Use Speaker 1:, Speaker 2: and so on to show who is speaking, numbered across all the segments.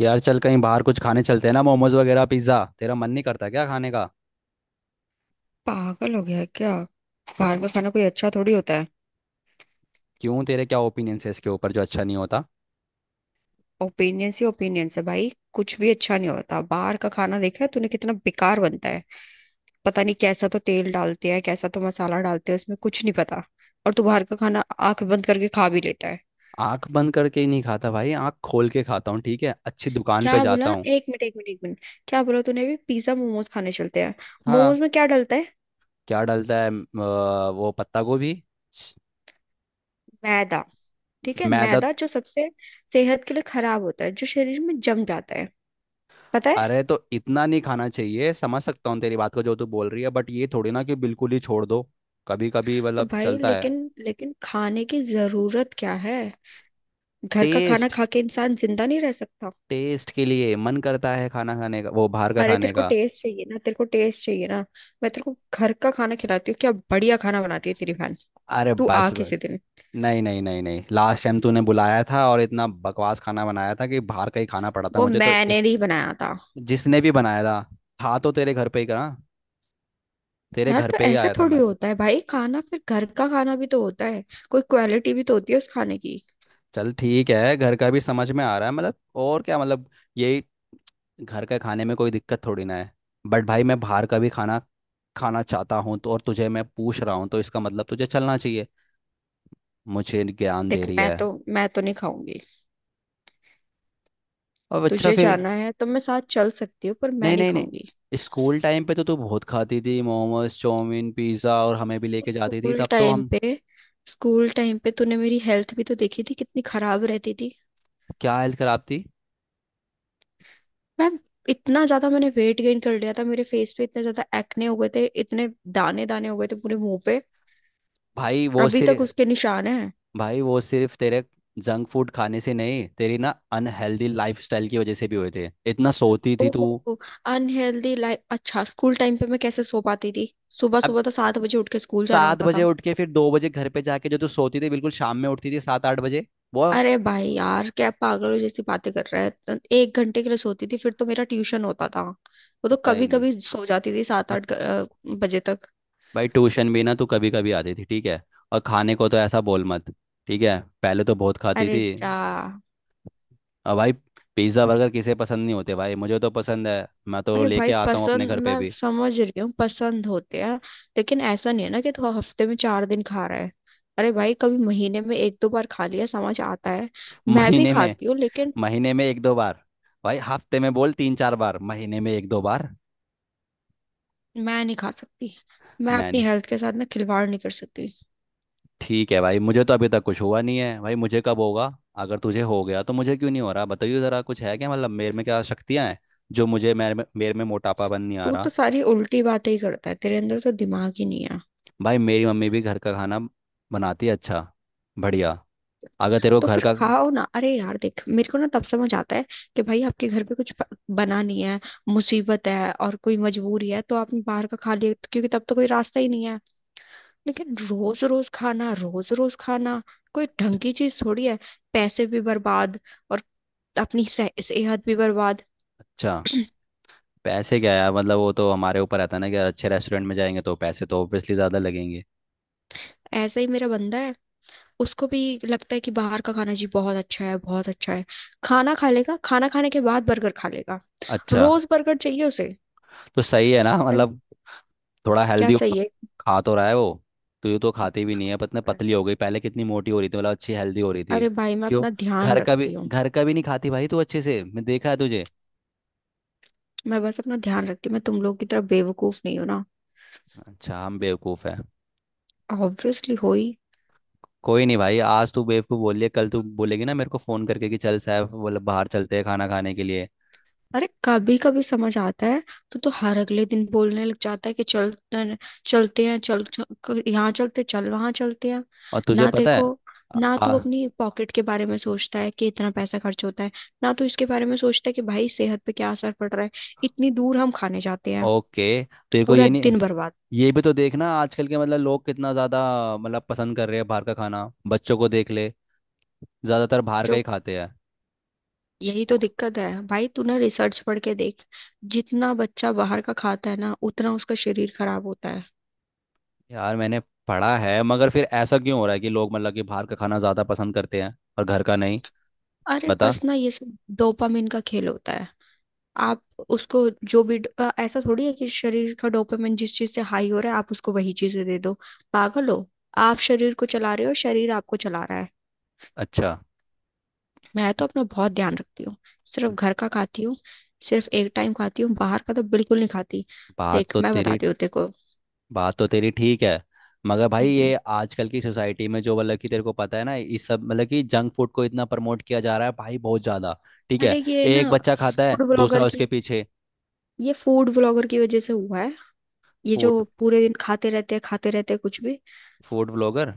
Speaker 1: यार, चल कहीं बाहर कुछ खाने चलते हैं ना। मोमोज वगैरह, पिज्ज़ा। तेरा मन नहीं करता क्या खाने का?
Speaker 2: पागल हो गया है क्या। बाहर का खाना कोई अच्छा थोड़ी होता है।
Speaker 1: क्यों, तेरे क्या ओपिनियंस है इसके ऊपर, जो अच्छा नहीं होता?
Speaker 2: ओपिनियंस ही ओपिनियंस है भाई, कुछ भी अच्छा नहीं होता। बाहर का खाना देखा है तूने, कितना बेकार बनता है। पता नहीं कैसा तो तेल डालते हैं, कैसा तो मसाला डालते हैं, उसमें कुछ नहीं पता। और तू बाहर का खाना आंख बंद करके खा भी लेता है।
Speaker 1: आंख बंद करके ही नहीं खाता भाई, आंख खोल के खाता हूँ। ठीक है, अच्छी दुकान पे
Speaker 2: क्या बोला।
Speaker 1: जाता हूँ।
Speaker 2: एक मिनट एक मिनट एक मिनट। क्या बोला तूने, भी पिज्जा मोमोज खाने चलते हैं। मोमोज
Speaker 1: हाँ।
Speaker 2: में क्या डलता है।
Speaker 1: क्या डलता है? वो पत्ता गोभी। छ,
Speaker 2: मैदा। ठीक है,
Speaker 1: मैदा तो,
Speaker 2: मैदा जो सबसे सेहत के लिए खराब होता है, जो शरीर में जम जाता है, पता है।
Speaker 1: अरे, तो इतना नहीं खाना चाहिए, समझ सकता हूँ तेरी बात को जो तू बोल रही है। बट ये थोड़ी ना कि बिल्कुल ही छोड़ दो। कभी कभी
Speaker 2: तो
Speaker 1: मतलब
Speaker 2: भाई
Speaker 1: चलता है।
Speaker 2: लेकिन लेकिन खाने की जरूरत क्या है। घर का खाना
Speaker 1: टेस्ट।
Speaker 2: खा के इंसान जिंदा नहीं रह सकता।
Speaker 1: टेस्ट के लिए मन करता है खाना खाने का, वो बाहर का
Speaker 2: अरे तेरे
Speaker 1: खाने
Speaker 2: को
Speaker 1: का।
Speaker 2: टेस्ट चाहिए ना, तेरे को टेस्ट चाहिए ना। मैं तेरे को घर का खाना खिलाती हूँ, क्या बढ़िया खाना बनाती है तेरी बहन।
Speaker 1: अरे,
Speaker 2: तू
Speaker 1: बस
Speaker 2: आ
Speaker 1: बस।
Speaker 2: किसी दिन।
Speaker 1: नहीं नहीं नहीं नहीं, लास्ट टाइम तूने बुलाया था और इतना बकवास खाना बनाया था कि बाहर का ही खाना पड़ा था
Speaker 2: वो
Speaker 1: मुझे तो
Speaker 2: मैंने नहीं बनाया था।
Speaker 1: जिसने भी बनाया था। था तो तेरे घर पे ही करा। तेरे
Speaker 2: यार
Speaker 1: घर
Speaker 2: तो
Speaker 1: पे ही
Speaker 2: ऐसे
Speaker 1: आया था
Speaker 2: थोड़ी
Speaker 1: मैं।
Speaker 2: होता है भाई खाना, फिर घर का खाना भी तो होता है, कोई क्वालिटी भी तो होती है उस खाने की।
Speaker 1: चल ठीक है, घर का भी समझ में आ रहा है मतलब। और क्या मतलब? यही। घर का खाने में कोई दिक्कत थोड़ी ना है। बट भाई, मैं बाहर का भी खाना खाना चाहता हूँ तो, और तुझे मैं पूछ रहा हूँ तो इसका मतलब तुझे चलना चाहिए। मुझे ज्ञान दे
Speaker 2: देख,
Speaker 1: रही
Speaker 2: मैं
Speaker 1: है।
Speaker 2: तो मैं तो नहीं खाऊंगी।
Speaker 1: अब अच्छा,
Speaker 2: तुझे
Speaker 1: फिर।
Speaker 2: जाना है तो मैं साथ चल सकती हूँ, पर मैं
Speaker 1: नहीं
Speaker 2: नहीं
Speaker 1: नहीं
Speaker 2: खाऊंगी।
Speaker 1: नहीं, स्कूल टाइम पे तो तू बहुत खाती थी। मोमोज, चाउमीन, पिज्ज़ा, और हमें भी लेके जाती थी,
Speaker 2: स्कूल
Speaker 1: तब तो
Speaker 2: टाइम
Speaker 1: हम।
Speaker 2: पे, स्कूल टाइम पे तूने मेरी हेल्थ भी तो देखी थी, कितनी खराब रहती थी।
Speaker 1: क्या हेल्थ खराब थी?
Speaker 2: मैम, इतना ज्यादा मैंने वेट गेन कर लिया था, मेरे फेस पे इतने ज्यादा एक्ने हो गए थे, इतने दाने दाने हो गए थे पूरे मुंह पे।
Speaker 1: भाई वो
Speaker 2: अभी तक
Speaker 1: सिर्फ
Speaker 2: उसके निशान है।
Speaker 1: भाई वो सिर्फ तेरे जंक फूड खाने से नहीं, तेरी ना अनहेल्दी लाइफस्टाइल की वजह से भी हुए थे। इतना सोती थी तू।
Speaker 2: ओहो। Unhealthy life. अच्छा, स्कूल टाइम पे मैं कैसे सो पाती थी, सुबह
Speaker 1: अब,
Speaker 2: सुबह तो 7 बजे उठ के स्कूल जाना
Speaker 1: सात
Speaker 2: होता
Speaker 1: बजे
Speaker 2: था।
Speaker 1: उठ के फिर 2 बजे घर पे जाके जो तू सोती थी, बिल्कुल शाम में उठती थी 7-8 बजे। वो,
Speaker 2: अरे भाई यार क्या पागलों जैसी बातें कर रहा है, तो 1 घंटे के लिए सोती थी, फिर तो मेरा ट्यूशन होता था, वो तो
Speaker 1: कहीं
Speaker 2: कभी
Speaker 1: नहीं।
Speaker 2: कभी सो जाती थी सात आठ
Speaker 1: हट।
Speaker 2: बजे तक।
Speaker 1: भाई, ट्यूशन भी ना तू कभी कभी आती थी, ठीक है। और खाने को तो ऐसा बोल मत। ठीक है, पहले तो बहुत खाती
Speaker 2: अरे
Speaker 1: थी।
Speaker 2: जा।
Speaker 1: अब भाई, पिज्ज़ा, बर्गर किसे पसंद नहीं होते भाई? मुझे तो पसंद है, मैं तो
Speaker 2: अरे भाई
Speaker 1: लेके आता हूँ अपने
Speaker 2: पसंद,
Speaker 1: घर पे
Speaker 2: मैं
Speaker 1: भी।
Speaker 2: समझ रही हूँ पसंद होते हैं, लेकिन ऐसा नहीं है ना कि तू हफ्ते में 4 दिन खा रहा है। अरे भाई कभी महीने में एक दो बार खा लिया समझ आता है, मैं भी
Speaker 1: महीने में
Speaker 2: खाती हूँ लेकिन।
Speaker 1: महीने में एक दो बार। भाई, हफ्ते में बोल तीन चार बार, महीने में एक दो बार।
Speaker 2: मैं नहीं खा सकती, मैं अपनी
Speaker 1: मैंने,
Speaker 2: हेल्थ के साथ ना खिलवाड़ नहीं कर सकती।
Speaker 1: ठीक है भाई, मुझे तो अभी तक कुछ हुआ नहीं है, भाई मुझे कब होगा? अगर तुझे हो गया तो मुझे क्यों नहीं हो रहा? बताइए ज़रा, कुछ है क्या मतलब, मेरे में क्या शक्तियाँ हैं जो मुझे मेरे में मोटापापन नहीं
Speaker 2: तू
Speaker 1: आ
Speaker 2: तो
Speaker 1: रहा।
Speaker 2: सारी उल्टी बातें ही करता है, तेरे अंदर तो दिमाग ही नहीं है।
Speaker 1: भाई, मेरी मम्मी भी घर का खाना बनाती है, अच्छा बढ़िया। अगर तेरे को
Speaker 2: तो
Speaker 1: घर
Speaker 2: फिर
Speaker 1: का,
Speaker 2: खाओ ना। अरे यार देख, मेरे को ना तब समझ आता है कि भाई आपके घर पे कुछ बना नहीं है, मुसीबत है और कोई मजबूरी है, तो आपने बाहर का खा लिया, क्योंकि तब तो कोई रास्ता ही नहीं है। लेकिन रोज रोज खाना, रोज रोज खाना, कोई ढंग की चीज थोड़ी है। पैसे भी बर्बाद, और अपनी सेहत भी बर्बाद।
Speaker 1: अच्छा, पैसे क्या यार, मतलब वो तो हमारे ऊपर रहता है ना कि अच्छे रेस्टोरेंट में जाएंगे तो पैसे तो ऑब्वियसली ज़्यादा लगेंगे।
Speaker 2: ऐसा ही मेरा बंदा है, उसको भी लगता है कि बाहर का खाना जी बहुत अच्छा है बहुत अच्छा है। खाना खा लेगा, खाना खाने के बाद बर्गर खा लेगा।
Speaker 1: अच्छा,
Speaker 2: रोज बर्गर चाहिए उसे।
Speaker 1: तो सही है ना
Speaker 2: अरे,
Speaker 1: मतलब, थोड़ा
Speaker 2: क्या
Speaker 1: हेल्दी हो,
Speaker 2: सही
Speaker 1: खा तो रहा है वो। तो ये तो खाती भी नहीं है, पतने
Speaker 2: है।
Speaker 1: पतली हो गई। पहले कितनी मोटी हो रही थी, मतलब अच्छी हेल्दी हो रही थी।
Speaker 2: अरे भाई मैं
Speaker 1: क्यों?
Speaker 2: अपना ध्यान रखती हूँ।
Speaker 1: घर का भी नहीं खाती भाई तू, अच्छे से मैं देखा है तुझे।
Speaker 2: मैं बस अपना ध्यान रखती हूँ, मैं तुम लोग की तरह बेवकूफ नहीं हूँ ना।
Speaker 1: अच्छा, हम बेवकूफ़ है।
Speaker 2: ऑब्वियसली हो ही।
Speaker 1: कोई नहीं भाई, आज तू बेवकूफ़ बोल लिया, कल तू बोलेगी ना मेरे को फ़ोन करके कि चल साहब, बोले बाहर चलते हैं खाना खाने के लिए।
Speaker 2: अरे कभी कभी समझ आता है तो हर अगले दिन बोलने लग जाता है कि चल न- चलते हैं, चल, यहाँ चलते, चल वहां चलते हैं।
Speaker 1: और तुझे
Speaker 2: ना तेरे
Speaker 1: पता
Speaker 2: को,
Speaker 1: है, आ,
Speaker 2: ना तू
Speaker 1: आ,
Speaker 2: अपनी पॉकेट के बारे में सोचता है कि इतना पैसा खर्च होता है, ना तू इसके बारे में सोचता है कि भाई सेहत पे क्या असर पड़ रहा है। इतनी दूर हम खाने जाते हैं,
Speaker 1: ओके, तेरे को
Speaker 2: पूरा
Speaker 1: ये नहीं।
Speaker 2: दिन बर्बाद।
Speaker 1: ये भी तो देखना, आजकल के मतलब लोग कितना ज्यादा मतलब पसंद कर रहे हैं बाहर का खाना। बच्चों को देख ले, ज्यादातर बाहर का
Speaker 2: जो,
Speaker 1: ही खाते हैं।
Speaker 2: यही तो दिक्कत है भाई, तूने रिसर्च पढ़ के देख, जितना बच्चा बाहर का खाता है ना उतना उसका शरीर खराब होता है।
Speaker 1: यार, मैंने पढ़ा है, मगर फिर ऐसा क्यों हो रहा है कि लोग मतलब कि बाहर का खाना ज्यादा पसंद करते हैं और घर का नहीं?
Speaker 2: अरे
Speaker 1: बता।
Speaker 2: बस ना, ये सब डोपामिन का खेल होता है। आप उसको जो भी ऐसा थोड़ी है कि शरीर का डोपामिन जिस चीज से हाई हो रहा है आप उसको वही चीजें दे दो, पागल हो। आप शरीर को चला रहे हो, शरीर आपको चला रहा है।
Speaker 1: अच्छा।
Speaker 2: मैं तो अपना बहुत ध्यान रखती हूँ, सिर्फ
Speaker 1: ब-
Speaker 2: घर का खाती हूँ, सिर्फ एक टाइम खाती हूँ, बाहर का तो बिल्कुल नहीं खाती।
Speaker 1: बात
Speaker 2: देख
Speaker 1: तो
Speaker 2: मैं
Speaker 1: तेरी
Speaker 2: बताती हूँ तेरे को।
Speaker 1: बात तो तेरी ठीक है। मगर भाई,
Speaker 2: हम्म,
Speaker 1: ये आजकल की सोसाइटी में, जो मतलब कि तेरे को पता है ना, इस सब मतलब कि जंक फूड को इतना प्रमोट किया जा रहा है भाई, बहुत ज्यादा। ठीक
Speaker 2: अरे
Speaker 1: है।
Speaker 2: ये ना
Speaker 1: एक बच्चा खाता है,
Speaker 2: फूड ब्लॉगर
Speaker 1: दूसरा उसके
Speaker 2: की,
Speaker 1: पीछे।
Speaker 2: ये फूड ब्लॉगर की वजह से हुआ है। ये जो
Speaker 1: फूड
Speaker 2: पूरे दिन खाते रहते हैं कुछ भी।
Speaker 1: Food blogger.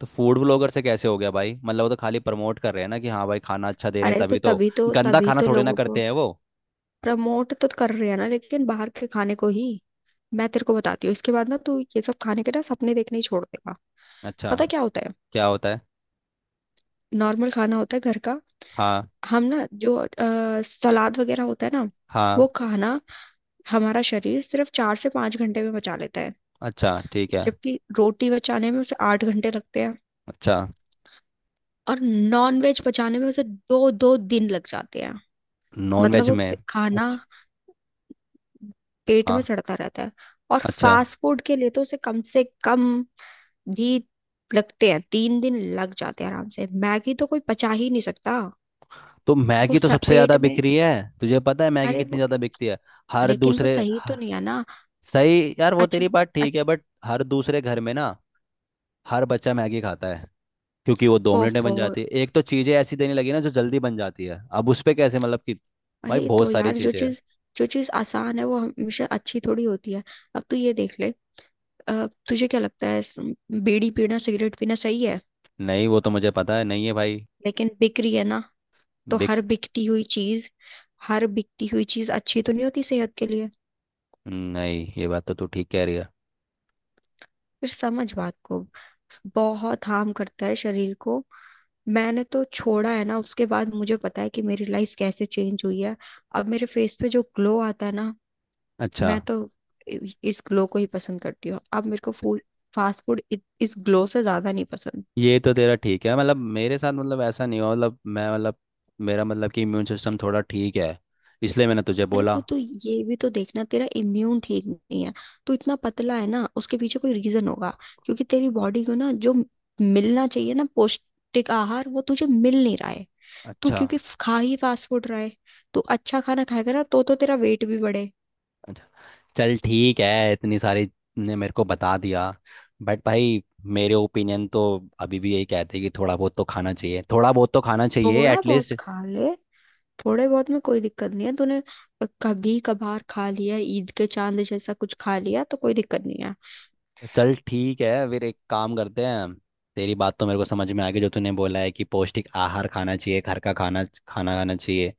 Speaker 1: तो फूड ब्लॉगर से कैसे हो गया भाई? मतलब वो तो खाली प्रमोट कर रहे हैं ना कि हाँ भाई, खाना अच्छा दे रहे हैं
Speaker 2: अरे तो
Speaker 1: तभी तो,
Speaker 2: तभी तो
Speaker 1: गंदा
Speaker 2: तभी
Speaker 1: खाना
Speaker 2: तो
Speaker 1: थोड़े ना
Speaker 2: लोगों को
Speaker 1: करते हैं वो।
Speaker 2: प्रमोट तो कर रहे हैं ना, लेकिन बाहर के खाने को ही। मैं तेरे को बताती हूँ, इसके बाद ना तू ये सब खाने के ना सपने देखने ही छोड़ देगा।
Speaker 1: अच्छा,
Speaker 2: पता क्या होता है,
Speaker 1: क्या होता है?
Speaker 2: नॉर्मल खाना होता है घर का।
Speaker 1: हाँ।
Speaker 2: हम ना जो सलाद वगैरह होता है ना, वो
Speaker 1: हाँ।
Speaker 2: खाना हमारा शरीर सिर्फ 4 से 5 घंटे में पचा लेता है।
Speaker 1: अच्छा, ठीक है।
Speaker 2: जबकि रोटी बचाने में उसे 8 घंटे लगते हैं,
Speaker 1: अच्छा।
Speaker 2: और नॉन वेज पचाने में उसे दो दो दिन लग जाते हैं,
Speaker 1: नॉन
Speaker 2: मतलब
Speaker 1: वेज
Speaker 2: वो
Speaker 1: में?
Speaker 2: खाना
Speaker 1: अच्छा।
Speaker 2: पेट में
Speaker 1: हाँ।
Speaker 2: सड़ता रहता है। और
Speaker 1: अच्छा।
Speaker 2: फास्ट फूड के लिए तो उसे कम से कम भी लगते हैं, 3 दिन लग जाते हैं आराम से। मैगी तो कोई पचा ही नहीं सकता,
Speaker 1: तो
Speaker 2: वो
Speaker 1: मैगी तो सबसे
Speaker 2: पेट
Speaker 1: ज्यादा बिक
Speaker 2: में।
Speaker 1: रही है। तुझे पता है मैगी
Speaker 2: अरे
Speaker 1: कितनी
Speaker 2: वो,
Speaker 1: ज्यादा बिकती है। हर
Speaker 2: लेकिन वो
Speaker 1: दूसरे
Speaker 2: सही तो नहीं है ना।
Speaker 1: सही यार, वो
Speaker 2: अच्छा।
Speaker 1: तेरी बात ठीक है,
Speaker 2: अच्छा।
Speaker 1: बट हर दूसरे घर में ना, हर बच्चा मैगी खाता है। क्योंकि वो 2 मिनट में
Speaker 2: ओफो।
Speaker 1: बन जाती है, एक तो चीजें ऐसी देने लगी ना जो जल्दी बन जाती है, अब उस पे कैसे मतलब कि, भाई
Speaker 2: वही
Speaker 1: बहुत
Speaker 2: तो
Speaker 1: सारी
Speaker 2: यार, जो
Speaker 1: चीजें हैं।
Speaker 2: चीज जो चीज आसान है वो हमेशा अच्छी थोड़ी होती है। अब तू ये देख ले, तुझे क्या लगता है बीड़ी पीना सिगरेट पीना सही है,
Speaker 1: नहीं, वो तो मुझे पता है नहीं है भाई।
Speaker 2: लेकिन बिक रही है ना। तो
Speaker 1: बिग,
Speaker 2: हर बिकती हुई चीज, हर बिकती हुई चीज अच्छी तो नहीं होती सेहत के लिए।
Speaker 1: नहीं, ये बात तो तू ठीक कह रही है।
Speaker 2: फिर समझ बात को, बहुत हार्म करता है शरीर को। मैंने तो छोड़ा है ना, उसके बाद मुझे पता है कि मेरी लाइफ कैसे चेंज हुई है। अब मेरे फेस पे जो ग्लो आता है ना,
Speaker 1: अच्छा।
Speaker 2: मैं तो इस ग्लो को ही पसंद करती हूँ। अब मेरे को फूड फास्ट फूड इस ग्लो से ज्यादा नहीं पसंद।
Speaker 1: ये तो तेरा ठीक है मतलब, मेरे साथ मतलब ऐसा नहीं हुआ, मतलब मैं मतलब, मेरा मतलब कि इम्यून सिस्टम थोड़ा ठीक है, इसलिए मैंने तुझे
Speaker 2: अरे
Speaker 1: बोला।
Speaker 2: तो तू ये भी तो देखना, तेरा इम्यून ठीक नहीं है। तू इतना पतला है ना, उसके पीछे कोई रीजन होगा, क्योंकि तेरी बॉडी को ना जो मिलना चाहिए ना पौष्टिक आहार, वो तुझे मिल नहीं रहा है। तू
Speaker 1: अच्छा।
Speaker 2: क्योंकि खा ही फास्ट फूड रहा है। तू अच्छा खाना खाएगा ना तो तेरा वेट भी बढ़े।
Speaker 1: अच्छा। चल ठीक है, इतनी सारी ने मेरे को बता दिया। बट भाई, मेरे ओपिनियन तो अभी भी यही कहते हैं कि थोड़ा बहुत तो खाना चाहिए, थोड़ा बहुत तो खाना चाहिए
Speaker 2: थोड़ा
Speaker 1: एटलीस्ट।
Speaker 2: बहुत खा ले, थोड़े बहुत में कोई दिक्कत नहीं है। तूने कभी कभार खा लिया ईद के चांद जैसा कुछ खा लिया तो कोई दिक्कत नहीं है।
Speaker 1: चल ठीक है, फिर एक काम करते हैं। तेरी बात तो मेरे को समझ में आ गई, जो तूने बोला है कि पौष्टिक आहार खाना चाहिए, घर का खाना खाना खाना चाहिए।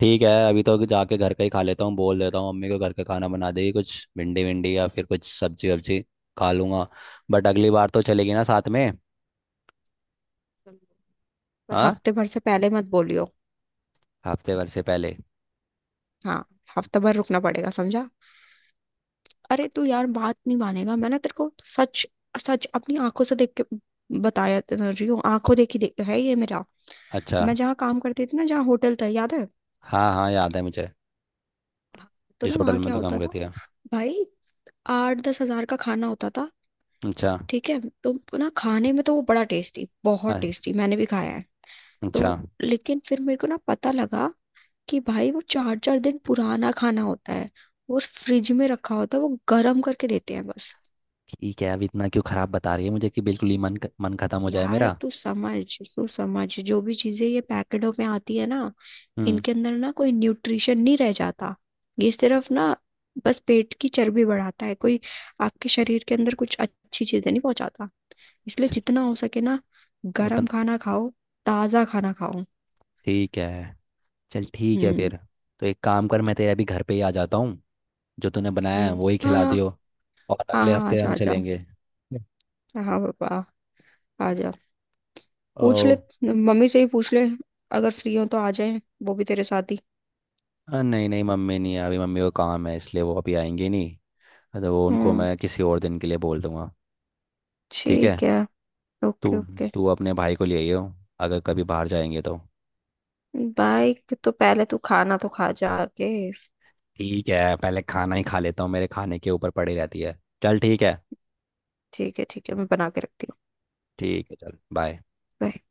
Speaker 1: ठीक है, अभी तो जाके घर का ही खा लेता हूँ, बोल देता हूँ मम्मी को घर का खाना बना देगी कुछ भिंडी विंडी या फिर कुछ सब्जी वब्जी, खा लूंगा। बट अगली बार तो चलेगी ना साथ में?
Speaker 2: पर
Speaker 1: हाँ,
Speaker 2: हफ्ते भर से पहले मत बोलियो।
Speaker 1: हफ्ते भर से पहले।
Speaker 2: हाँ। हफ्ते भर रुकना पड़ेगा, समझा। अरे तू यार बात नहीं मानेगा, मैंने तेरे को सच सच अपनी आंखों से देख के बताया तो रही हूँ, आंखों देखी देख है ये मेरा।
Speaker 1: अच्छा।
Speaker 2: मैं जहाँ काम करती थी ना, जहाँ होटल था याद है,
Speaker 1: हाँ हाँ, याद है मुझे।
Speaker 2: तो ना
Speaker 1: जिस
Speaker 2: वहाँ
Speaker 1: होटल में
Speaker 2: क्या
Speaker 1: तो
Speaker 2: होता
Speaker 1: काम
Speaker 2: था
Speaker 1: करती है।
Speaker 2: भाई, 8-10 हजार का खाना होता था,
Speaker 1: अच्छा।
Speaker 2: ठीक है। तो ना खाने में तो वो बड़ा टेस्टी, बहुत
Speaker 1: अ-
Speaker 2: टेस्टी, मैंने भी खाया है
Speaker 1: अच्छा।
Speaker 2: तो। लेकिन फिर मेरे को ना पता लगा कि भाई वो चार चार दिन पुराना खाना होता है, वो फ्रिज में रखा होता है, वो गर्म करके देते हैं बस।
Speaker 1: ठीक है, अब इतना क्यों खराब बता रही है मुझे कि बिल्कुल ही मन खत्म हो जाए
Speaker 2: यार
Speaker 1: मेरा?
Speaker 2: तू समझ जो भी चीजें ये पैकेटों में आती है ना,
Speaker 1: हम्म।
Speaker 2: इनके अंदर ना कोई न्यूट्रिशन नहीं रह जाता। ये सिर्फ ना बस पेट की चर्बी बढ़ाता है, कोई आपके शरीर के अंदर कुछ अच्छी चीजें नहीं पहुंचाता। इसलिए
Speaker 1: चल,
Speaker 2: जितना हो सके ना गरम
Speaker 1: उतन
Speaker 2: खाना खाओ, ताजा खाना खाओ।
Speaker 1: ठीक है। चल ठीक है,
Speaker 2: हम्म।
Speaker 1: फिर तो एक काम कर, मैं तेरे अभी घर पे ही आ जाता हूँ। जो तूने बनाया है
Speaker 2: हम्म।
Speaker 1: वही
Speaker 2: हाँ।
Speaker 1: खिला दियो। और
Speaker 2: हाँ।
Speaker 1: अगले
Speaker 2: हाँ,
Speaker 1: हफ्ते
Speaker 2: आजा
Speaker 1: हम
Speaker 2: आजा।
Speaker 1: चलेंगे।
Speaker 2: हाँ पापा, आजा।
Speaker 1: ओ।
Speaker 2: पूछ ले, मम्मी से ही पूछ ले, अगर फ्री हो तो आ जाए, वो भी तेरे साथ ही।
Speaker 1: नहीं नहीं, मम्मी नहीं है, अभी मम्मी को काम है, इसलिए वो अभी आएंगे नहीं। तो वो उनको
Speaker 2: हम्म।
Speaker 1: मैं किसी और दिन के लिए बोल दूंगा। ठीक है।
Speaker 2: ठीक है।
Speaker 1: तू
Speaker 2: ओके ओके।
Speaker 1: तू अपने भाई को ले आइयो, अगर कभी बाहर जाएंगे तो।
Speaker 2: बाइक तो पहले, तू खाना तो खा जा के।
Speaker 1: ठीक है, पहले खाना ही खा लेता हूँ, मेरे खाने के ऊपर पड़ी रहती है। चल ठीक है।
Speaker 2: ठीक है ठीक है, मैं बना के रखती हूँ।
Speaker 1: ठीक है, चल बाय।
Speaker 2: Bye.